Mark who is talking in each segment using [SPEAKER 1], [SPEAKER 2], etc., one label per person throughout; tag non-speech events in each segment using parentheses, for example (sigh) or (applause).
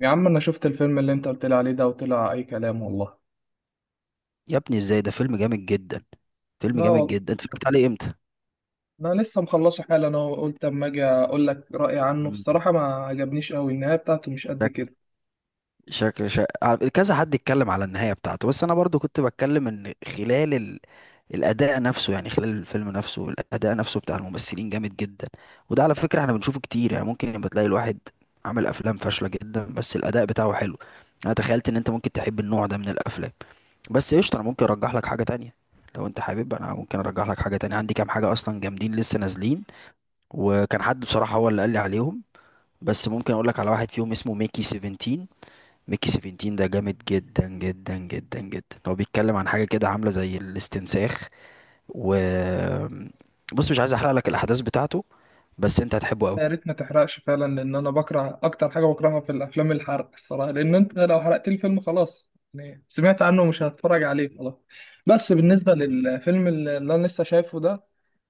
[SPEAKER 1] يا عم انا شفت الفيلم اللي انت قلت لي عليه ده وطلع اي كلام والله.
[SPEAKER 2] يا ابني ازاي؟ ده فيلم جامد جدا. فيلم
[SPEAKER 1] لا
[SPEAKER 2] جامد
[SPEAKER 1] والله،
[SPEAKER 2] جدا. (laughs) انت اتفرجت عليه امتى؟
[SPEAKER 1] انا لسه مخلصه حالا. انا قلت اما اجي اقول لك رايي عنه
[SPEAKER 2] مم.
[SPEAKER 1] بصراحه، ما عجبنيش قوي، النهايه بتاعته مش قد
[SPEAKER 2] شكل
[SPEAKER 1] كده.
[SPEAKER 2] شكل كذا حد اتكلم على النهاية بتاعته، بس انا برضو كنت بتكلم ان خلال ال... الاداء نفسه، يعني خلال الفيلم نفسه الاداء نفسه بتاع الممثلين جامد جدا. وده على فكرة احنا بنشوفه كتير، يعني ممكن يبقى تلاقي الواحد عامل افلام فاشلة جدا بس الاداء بتاعه حلو. انا تخيلت ان انت ممكن تحب النوع ده من الافلام. بس قشطة، انا ممكن ارجح لك حاجة تانية. لو انت حابب انا ممكن ارجح لك حاجة تانية، عندي كام حاجة اصلا جامدين لسه نازلين، وكان حد بصراحة هو اللي قال لي عليهم. بس ممكن اقول لك على واحد فيهم اسمه ميكي 17. ميكي 17 ده جامد جدا جدا جدا جدا. هو بيتكلم عن حاجة كده عاملة زي الاستنساخ. و... بص مش عايز احرق لك الاحداث بتاعته، بس انت هتحبه قوي.
[SPEAKER 1] يا ريت ما تحرقش فعلا، لان انا بكره اكتر حاجه بكرهها في الافلام الحرق الصراحه، لان انت لو حرقت لي الفيلم خلاص يعني سمعت عنه ومش هتفرج عليه خلاص. بس بالنسبه للفيلم اللي انا لسه شايفه ده،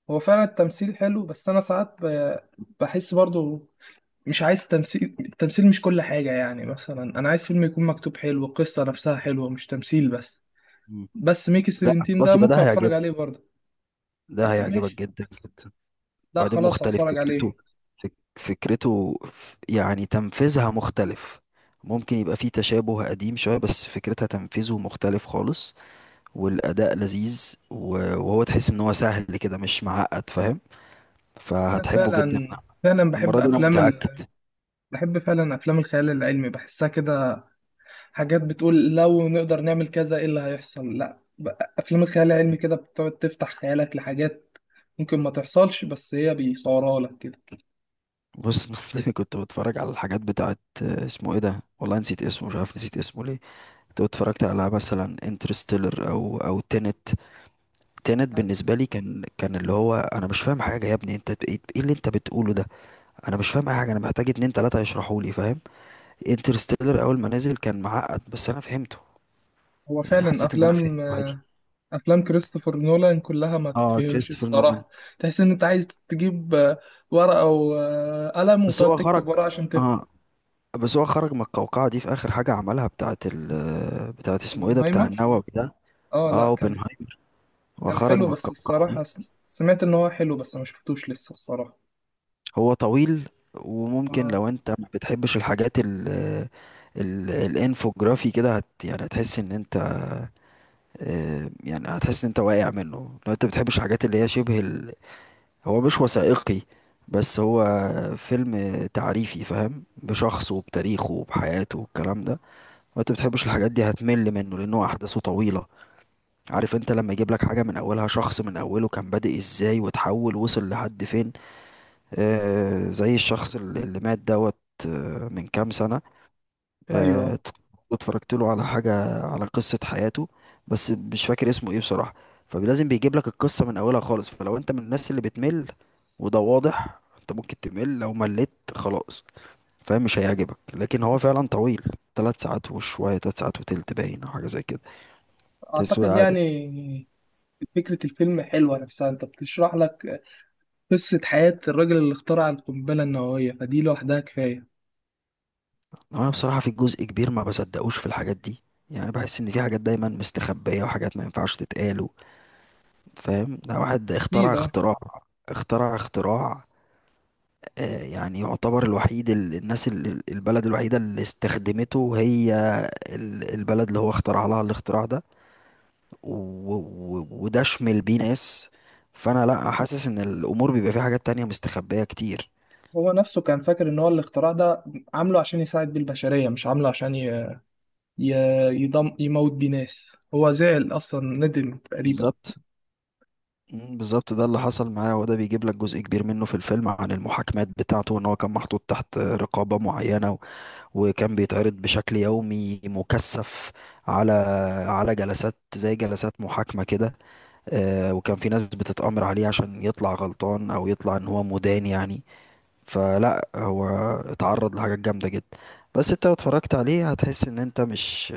[SPEAKER 1] هو فعلا التمثيل حلو، بس انا ساعات بحس برضو مش عايز تمثيل، التمثيل مش كل حاجة. يعني مثلا أنا عايز فيلم يكون مكتوب حلو، القصة نفسها حلوة، مش تمثيل بس.
[SPEAKER 2] مم.
[SPEAKER 1] بس ميكي
[SPEAKER 2] لا
[SPEAKER 1] 17
[SPEAKER 2] خلاص،
[SPEAKER 1] ده
[SPEAKER 2] يبقى ده
[SPEAKER 1] ممكن أتفرج
[SPEAKER 2] هيعجبك.
[SPEAKER 1] عليه برضه.
[SPEAKER 2] ده
[SPEAKER 1] لا
[SPEAKER 2] هيعجبك
[SPEAKER 1] ماشي،
[SPEAKER 2] جدا جدا.
[SPEAKER 1] لا
[SPEAKER 2] وبعدين
[SPEAKER 1] خلاص
[SPEAKER 2] مختلف
[SPEAKER 1] هتفرج
[SPEAKER 2] فكرته.
[SPEAKER 1] عليه.
[SPEAKER 2] يعني تنفيذها مختلف. ممكن يبقى فيه تشابه قديم شوية، بس فكرتها تنفيذه مختلف خالص. والاداء لذيذ وهو تحس ان هو سهل كده مش معقد، فاهم؟
[SPEAKER 1] أنا
[SPEAKER 2] فهتحبه جدا.
[SPEAKER 1] فعلا فعلا
[SPEAKER 2] المره
[SPEAKER 1] بحب
[SPEAKER 2] دي انا
[SPEAKER 1] أفلام
[SPEAKER 2] متاكد.
[SPEAKER 1] بحب فعلا أفلام الخيال العلمي، بحسها كده حاجات بتقول لو نقدر نعمل كذا إيه اللي هيحصل. لا ب- أفلام الخيال العلمي كده بتقعد تفتح خيالك لحاجات ممكن ما تحصلش، بس هي بيصورها لك كده.
[SPEAKER 2] بص (laughs) أنا كنت بتفرج على الحاجات بتاعت آه، اسمه ايه ده والله، نسيت اسمه، مش عارف نسيت اسمه ليه. كنت اتفرجت على مثلا انترستيلر او تينت. تينت بالنسبه لي كان اللي هو انا مش فاهم حاجه. يا ابني انت ب- ايه إيه اللي انت بتقوله ده؟ انا مش فاهم اي حاجه، انا محتاج اتنين تلاته يشرحوا لي، فاهم؟ انترستيلر اول ما نزل كان معقد بس انا فهمته،
[SPEAKER 1] هو
[SPEAKER 2] يعني
[SPEAKER 1] فعلا
[SPEAKER 2] حسيت ان انا فهمته
[SPEAKER 1] أفلام،
[SPEAKER 2] عادي.
[SPEAKER 1] افلام كريستوفر نولان كلها ما
[SPEAKER 2] اه،
[SPEAKER 1] تتفهمش
[SPEAKER 2] كريستوفر نولان.
[SPEAKER 1] الصراحه. تحس ان انت عايز تجيب ورقه وقلم
[SPEAKER 2] بس
[SPEAKER 1] وتقعد
[SPEAKER 2] هو خرج.
[SPEAKER 1] تكتب ورقه عشان تفهم.
[SPEAKER 2] اه، بس هو خرج من القوقعة دي في آخر حاجة عملها، بتاعة ال بتاعة اسمه ايه ده، بتاع
[SPEAKER 1] اوبنهايمر،
[SPEAKER 2] النووي ده.
[SPEAKER 1] اه.
[SPEAKER 2] اه،
[SPEAKER 1] لا، كان
[SPEAKER 2] اوبنهايمر. هو
[SPEAKER 1] كان
[SPEAKER 2] خرج
[SPEAKER 1] حلو،
[SPEAKER 2] من
[SPEAKER 1] بس
[SPEAKER 2] القوقعة
[SPEAKER 1] الصراحه
[SPEAKER 2] دي.
[SPEAKER 1] سمعت ان هو حلو بس ما شفتوش لسه الصراحه.
[SPEAKER 2] هو طويل، وممكن
[SPEAKER 1] اه.
[SPEAKER 2] لو انت ما بتحبش الحاجات ال ال الانفوجرافي كده هت يعني هتحس ان انت آه، يعني هتحس ان انت واقع منه لو انت بتحبش الحاجات اللي هي شبه ال... هو مش وثائقي، بس هو فيلم تعريفي، فاهم؟ بشخصه وبتاريخه وبحياته والكلام ده. وانت بتحبش الحاجات دي هتمل منه، لانه احداثه طويله. عارف انت لما يجيب لك حاجه من اولها، شخص من اوله كان بادئ ازاي وتحول وصل لحد فين. آه زي الشخص اللي مات دوت. آه، من كام سنه.
[SPEAKER 1] ايوه.
[SPEAKER 2] آه. اتفرجت له على حاجه على قصه حياته، بس مش فاكر اسمه ايه بصراحه. فلازم بيجيب لك القصه من اولها خالص، فلو انت من الناس اللي بتمل، وده واضح انت ممكن تمل، لو مليت خلاص فاهم مش هيعجبك. لكن هو فعلا طويل، ثلاث ساعات وشوية، ثلاث ساعات وتلت باين أو حاجة زي كده.
[SPEAKER 1] اعتقد
[SPEAKER 2] كسوة عادة.
[SPEAKER 1] يعني فكره الفيلم حلوه نفسها، انت بتشرح لك قصه حياه الراجل اللي اخترع القنبله النوويه، فدي لوحدها كفايه.
[SPEAKER 2] انا بصراحة في جزء كبير ما بصدقوش في الحاجات دي. يعني بحس ان في حاجات دايما مستخبية وحاجات ما ينفعش تتقال و... فاهم؟ ده واحد اخترع
[SPEAKER 1] اكيد اه.
[SPEAKER 2] اختراع. اخترع اختراع. آه يعني يعتبر الوحيد، البلد الوحيدة اللي استخدمته هي ال- البلد اللي هو اخترع لها الاختراع ده. وده شمل بيه ناس. فانا لا حاسس ان الامور بيبقى فيها حاجات تانية مستخبية كتير.
[SPEAKER 1] هو نفسه كان فاكر ان هو الاختراع ده عامله عشان يساعد بيه البشريه، مش عامله عشان يضم يموت بيه ناس. هو زعل أصلا، ندم تقريبا.
[SPEAKER 2] بالظبط. مم، بالظبط، ده اللي حصل معاه، وده بيجيب لك جزء كبير منه في الفيلم عن المحاكمات بتاعته، ان هو كان محطوط تحت رقابة معينة وكان بيتعرض بشكل يومي مكثف على على جلسات زي جلسات محاكمة كده. آه، وكان في ناس بتتأمر عليه عشان يطلع غلطان او يطلع ان هو مدان يعني. فلا هو اتعرض لحاجات جامدة جدا. بس انت لو اتفرجت عليه هتحس ان انت مش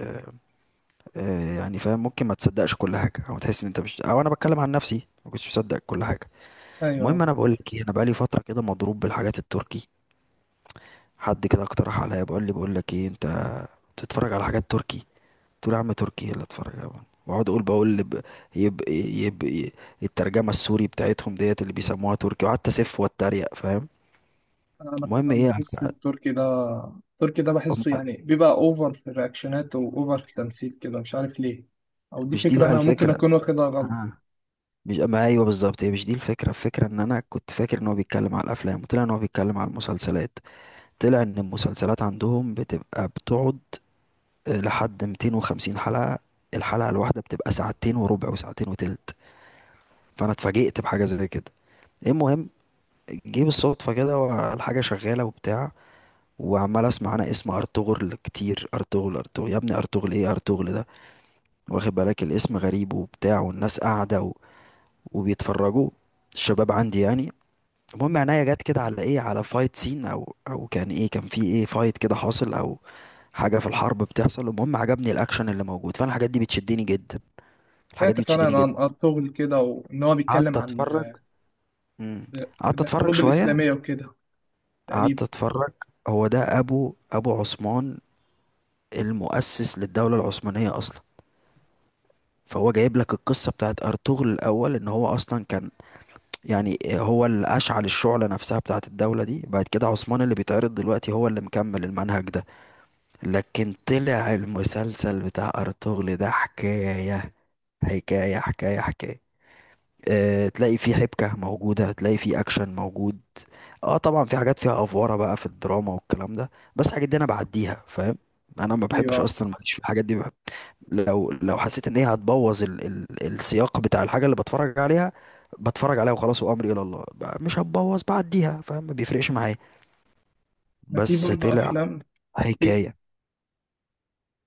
[SPEAKER 2] آه، يعني فاهم ممكن ما تصدقش كل حاجة، او تحس ان انت مش، او انا بتكلم عن نفسي ما كنتش مصدق كل حاجة. المهم
[SPEAKER 1] ايوه.
[SPEAKER 2] انا بقول لك ايه، انا بقالي فتره كده مضروب بالحاجات التركي. حد كده اقترح عليا بقول لي بقول لك ايه انت بتتفرج على حاجات تركي. قلت له يا عم تركي إيه اللي اتفرج عليها، واقعد اقول بقول يب... يب... يب... الترجمه السوري بتاعتهم ديت اللي بيسموها تركي، وقعدت اسف واتريق فاهم.
[SPEAKER 1] انا
[SPEAKER 2] المهم
[SPEAKER 1] فعلا
[SPEAKER 2] ايه؟
[SPEAKER 1] بحس التركي ده، التركي ده بحسه
[SPEAKER 2] أم-
[SPEAKER 1] يعني بيبقى اوفر في الرياكشنات واوفر في التمثيل كده، مش عارف ليه. او دي
[SPEAKER 2] مش دي
[SPEAKER 1] فكره
[SPEAKER 2] بقى
[SPEAKER 1] انا ممكن
[SPEAKER 2] الفكره.
[SPEAKER 1] اكون واخدها غلط.
[SPEAKER 2] آه. مش ما ايوه بالظبط، هي مش دي الفكره، الفكره ان انا كنت فاكر ان هو بيتكلم على الافلام، وطلع ان هو بيتكلم على المسلسلات. طلع ان المسلسلات عندهم بتبقى بتقعد لحد 250 حلقة. الحلقة الواحدة بتبقى ساعتين وربع وساعتين وتلت. فأنا اتفاجئت بحاجة زي كده. المهم جه بالصدفة كده والحاجة شغالة وبتاع، وعمال اسمع انا اسم ارطغرل كتير، ارطغرل ارطغرل يا ابني ارطغرل ايه ارطغرل ده، واخد بالك الاسم غريب وبتاع، والناس قاعدة و... وبيتفرجوا، الشباب عندي يعني. المهم عينيا جت كده على ايه، على فايت سين او كان ايه كان في ايه فايت كده حاصل او حاجة في الحرب بتحصل. المهم عجبني الاكشن اللي موجود، فانا الحاجات دي بتشدني جدا. الحاجات
[SPEAKER 1] سمعت
[SPEAKER 2] دي بتشدني
[SPEAKER 1] فعلا
[SPEAKER 2] جدا.
[SPEAKER 1] عن ارطغرل كده، وان هو بيتكلم
[SPEAKER 2] قعدت
[SPEAKER 1] عن
[SPEAKER 2] اتفرج. مم. قعدت اتفرج
[SPEAKER 1] الحروب
[SPEAKER 2] شويه.
[SPEAKER 1] الاسلاميه وكده
[SPEAKER 2] قعدت
[SPEAKER 1] تقريبا.
[SPEAKER 2] اتفرج، هو ده ابو عثمان المؤسس للدوله العثمانيه اصلا. فهو جايب لك القصه بتاعت ارطغرل الاول، ان هو اصلا كان، يعني هو اللي اشعل الشعله نفسها بتاعت الدوله دي. بعد كده عثمان اللي بيتعرض دلوقتي هو اللي مكمل المنهج ده. لكن طلع المسلسل بتاع ارطغرل ده حكايه حكايه حكايه حكايه. آه، تلاقي فيه حبكة موجودة، تلاقي فيه أكشن موجود. اه طبعا في حاجات فيها أفوارة بقى في الدراما والكلام ده، بس الحاجات دي أنا بعديها فاهم. أنا ما
[SPEAKER 1] ايوه.
[SPEAKER 2] بحبش أصلا، ماليش في الحاجات دي بحب. لو حسيت إن هي هتبوظ ال ال السياق بتاع الحاجة اللي بتفرج عليها، بتفرج عليها وخلاص وأمري إلى الله بقى، مش هتبوظ بعديها فاهم، ما بيفرقش معايا.
[SPEAKER 1] ما في
[SPEAKER 2] بس
[SPEAKER 1] برضه
[SPEAKER 2] طلع
[SPEAKER 1] افلام في.
[SPEAKER 2] حكاية.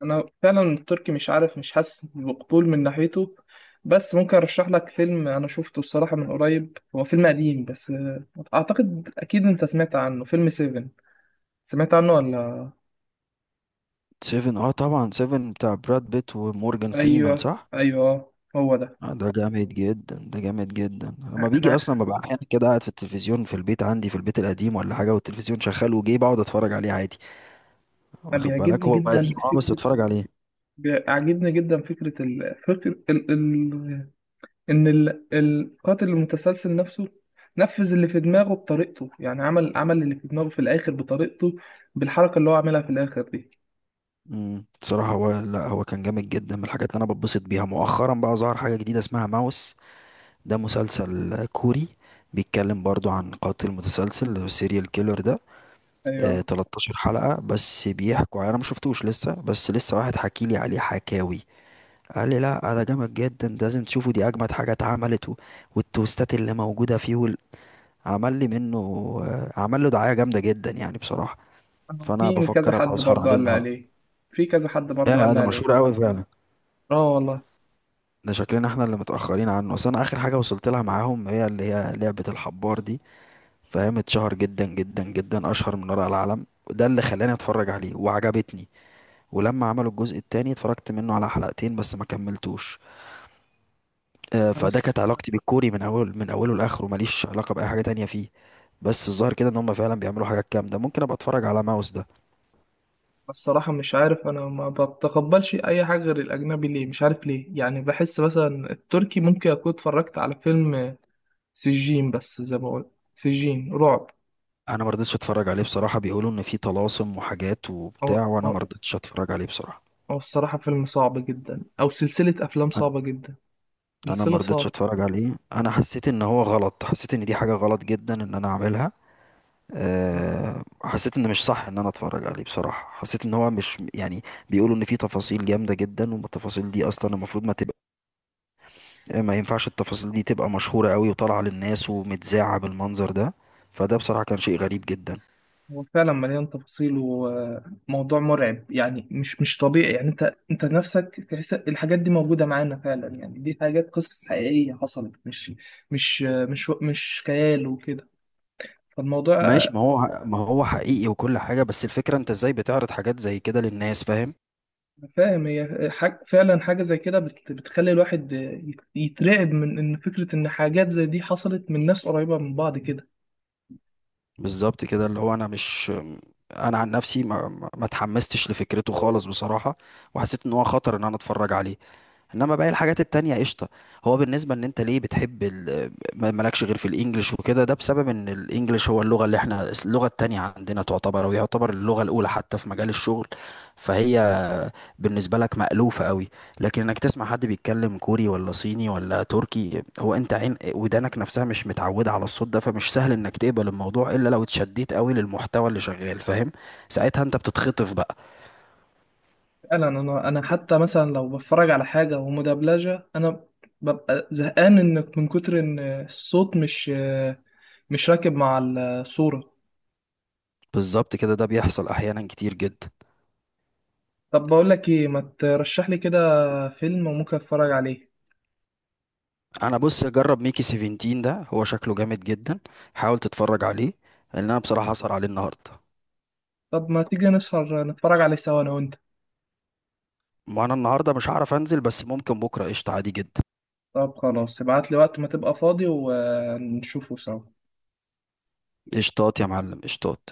[SPEAKER 1] انا فعلا التركي مش عارف، مش حاسس بقبول من ناحيته. بس ممكن ارشح لك فيلم انا شفته الصراحه من قريب، هو فيلم قديم بس اعتقد اكيد انت سمعت عنه، فيلم سيفن. سمعت عنه ولا؟
[SPEAKER 2] سيفن، اه طبعا، سيفن بتاع براد بيت ومورجان فريمان،
[SPEAKER 1] ايوه
[SPEAKER 2] صح؟
[SPEAKER 1] ايوه هو ده.
[SPEAKER 2] آه، ده جامد جدا. ده جامد جدا، لما بيجي
[SPEAKER 1] انا
[SPEAKER 2] اصلا ببقى احيانا كده قاعد في التلفزيون، في البيت عندي في البيت القديم ولا حاجه، والتلفزيون شغال وجاي بقعد اتفرج عليه عادي.
[SPEAKER 1] أنا
[SPEAKER 2] واخد بالك
[SPEAKER 1] بيعجبني
[SPEAKER 2] هو قديم
[SPEAKER 1] جدا
[SPEAKER 2] اه، بس
[SPEAKER 1] فكره،
[SPEAKER 2] بتفرج عليه.
[SPEAKER 1] بيعجبني جدا فكره ال... فكر ال... ال... ان القاتل المتسلسل نفسه نفذ اللي في دماغه بطريقته. يعني عمل، عمل اللي في دماغه في الاخر بطريقته، بالحركه اللي هو عملها في الاخر دي.
[SPEAKER 2] بصراحه، هو لا هو كان جامد جدا. من الحاجات اللي انا بتبسط بيها مؤخرا بقى ظهر حاجه جديده اسمها ماوس. ده مسلسل كوري. بيتكلم برضو عن قاتل متسلسل اللي هو السيريال كيلر ده. آه
[SPEAKER 1] ايوه.
[SPEAKER 2] 13 حلقه بس بيحكوا، انا ما شفتوش لسه، بس لسه واحد حكي لي عليه حكاوي. قال لي لا ده جامد جدا، ده لازم تشوفه، دي اجمد حاجه اتعملت و... والتوستات اللي موجوده فيه وال... عمل لي منه آه، عمل له دعايه جامده جدا يعني بصراحه. فانا
[SPEAKER 1] في كذا
[SPEAKER 2] بفكر
[SPEAKER 1] حد
[SPEAKER 2] ابقى اسهر
[SPEAKER 1] برضه
[SPEAKER 2] عليه
[SPEAKER 1] قال لي
[SPEAKER 2] النهارده.
[SPEAKER 1] عليه في كذا حد
[SPEAKER 2] يا
[SPEAKER 1] برضه قال
[SPEAKER 2] يا
[SPEAKER 1] لي
[SPEAKER 2] ده مشهور
[SPEAKER 1] عليه
[SPEAKER 2] قوي فعلا.
[SPEAKER 1] اه والله.
[SPEAKER 2] ده شكلنا احنا اللي متاخرين عنه. اصل انا اخر حاجه وصلت لها معاهم هي اللي هي لعبه الحبار دي، فاهم؟ اتشهر جدا جدا جدا، اشهر من ورق العالم، وده اللي خلاني اتفرج عليه وعجبتني. ولما عملوا الجزء التاني اتفرجت منه على حلقتين بس ما كملتوش. آه،
[SPEAKER 1] انا
[SPEAKER 2] فده كانت علاقتي بالكوري من اول من اوله لاخره، ماليش علاقه باي حاجه تانية فيه. بس الظاهر كده ان هم فعلا بيعملوا حاجات جامده، ممكن ابقى اتفرج على ماوس ده.
[SPEAKER 1] الصراحه مش عارف، انا ما بتقبلش اي حاجه غير الاجنبي، ليه مش عارف ليه. يعني بحس مثلا التركي، ممكن اكون اتفرجت على فيلم سجين، بس زي ما بقول سجين رعب.
[SPEAKER 2] انا ما رضيتش اتفرج عليه بصراحه، بيقولوا ان فيه طلاسم وحاجات
[SPEAKER 1] او
[SPEAKER 2] وبتاع،
[SPEAKER 1] او
[SPEAKER 2] وانا ما رضيتش اتفرج عليه بصراحه.
[SPEAKER 1] أو الصراحه فيلم صعب جدا، او سلسله افلام
[SPEAKER 2] انا.
[SPEAKER 1] صعبه جدا،
[SPEAKER 2] أنا ما
[SPEAKER 1] سلسله
[SPEAKER 2] رضيتش
[SPEAKER 1] صعبه.
[SPEAKER 2] اتفرج عليه، انا حسيت ان هو غلط، حسيت ان دي حاجه غلط جدا ان انا اعملها. أه حسيت ان مش صح ان انا اتفرج عليه بصراحه، حسيت ان هو مش يعني. بيقولوا ان فيه تفاصيل جامده جدا، والتفاصيل دي اصلا المفروض ما تبقى، ما ينفعش التفاصيل دي تبقى مشهورة قوي وطالعة للناس ومتذاعة بالمنظر ده. فده بصراحة كان شيء غريب جدا.
[SPEAKER 1] هو فعلا مليان تفاصيل وموضوع مرعب، يعني مش طبيعي. يعني انت انت نفسك تحس الحاجات دي موجودة معانا فعلا، يعني دي حاجات قصص حقيقية حصلت، مش خيال وكده، فالموضوع.
[SPEAKER 2] ماشي، ما هو ما هو حقيقي وكل حاجة، بس الفكرة انت ازاي بتعرض حاجات زي كده للناس، فاهم؟
[SPEAKER 1] أنا فاهم، هي حاج فعلا حاجة زي كده بتخلي الواحد يترعب من ان فكرة ان حاجات زي دي حصلت من ناس قريبة من بعض كده.
[SPEAKER 2] بالظبط كده، اللي هو انا مش، انا عن نفسي ما اتحمستش لفكرته خالص بصراحة. وحسيت ان هو خطر ان انا اتفرج عليه. انما باقي الحاجات التانية قشطة. هو بالنسبة ان انت ليه بتحب ال... مالكش غير في الانجليش وكده، ده بسبب ان الانجليش هو اللغة اللي احنا اللغة التانية عندنا تعتبر او يعتبر اللغة الاولى حتى في مجال الشغل. فهي بالنسبة لك مألوفة قوي. لكن انك تسمع حد بيتكلم كوري ولا صيني ولا تركي، هو انت عين ودانك نفسها مش متعودة على الصوت ده، فمش سهل انك تقبل الموضوع الا لو اتشديت قوي للمحتوى اللي شغال، فاهم؟ ساعتها انت بتتخطف بقى.
[SPEAKER 1] فعلا. انا حتى مثلا لو بتفرج على حاجه ومدبلجه، انا ببقى زهقان، ان من كتر ان الصوت مش راكب مع الصوره.
[SPEAKER 2] بالظبط كده، ده بيحصل احيانا كتير جدا.
[SPEAKER 1] طب بقول لك ايه، ما ترشح لي كده فيلم وممكن اتفرج عليه.
[SPEAKER 2] انا بص جرب ميكي 17 ده، هو شكله جامد جدا. حاول تتفرج عليه، لان انا بصراحه هسهر عليه النهارده.
[SPEAKER 1] طب ما تيجي نسهر نتفرج عليه سوا انا وانت.
[SPEAKER 2] ما انا النهارده مش هعرف انزل، بس ممكن بكره قشطه عادي جدا.
[SPEAKER 1] طب خلاص، ابعت لي وقت ما تبقى فاضي ونشوفه سوا.
[SPEAKER 2] قشطات يا معلم قشطات.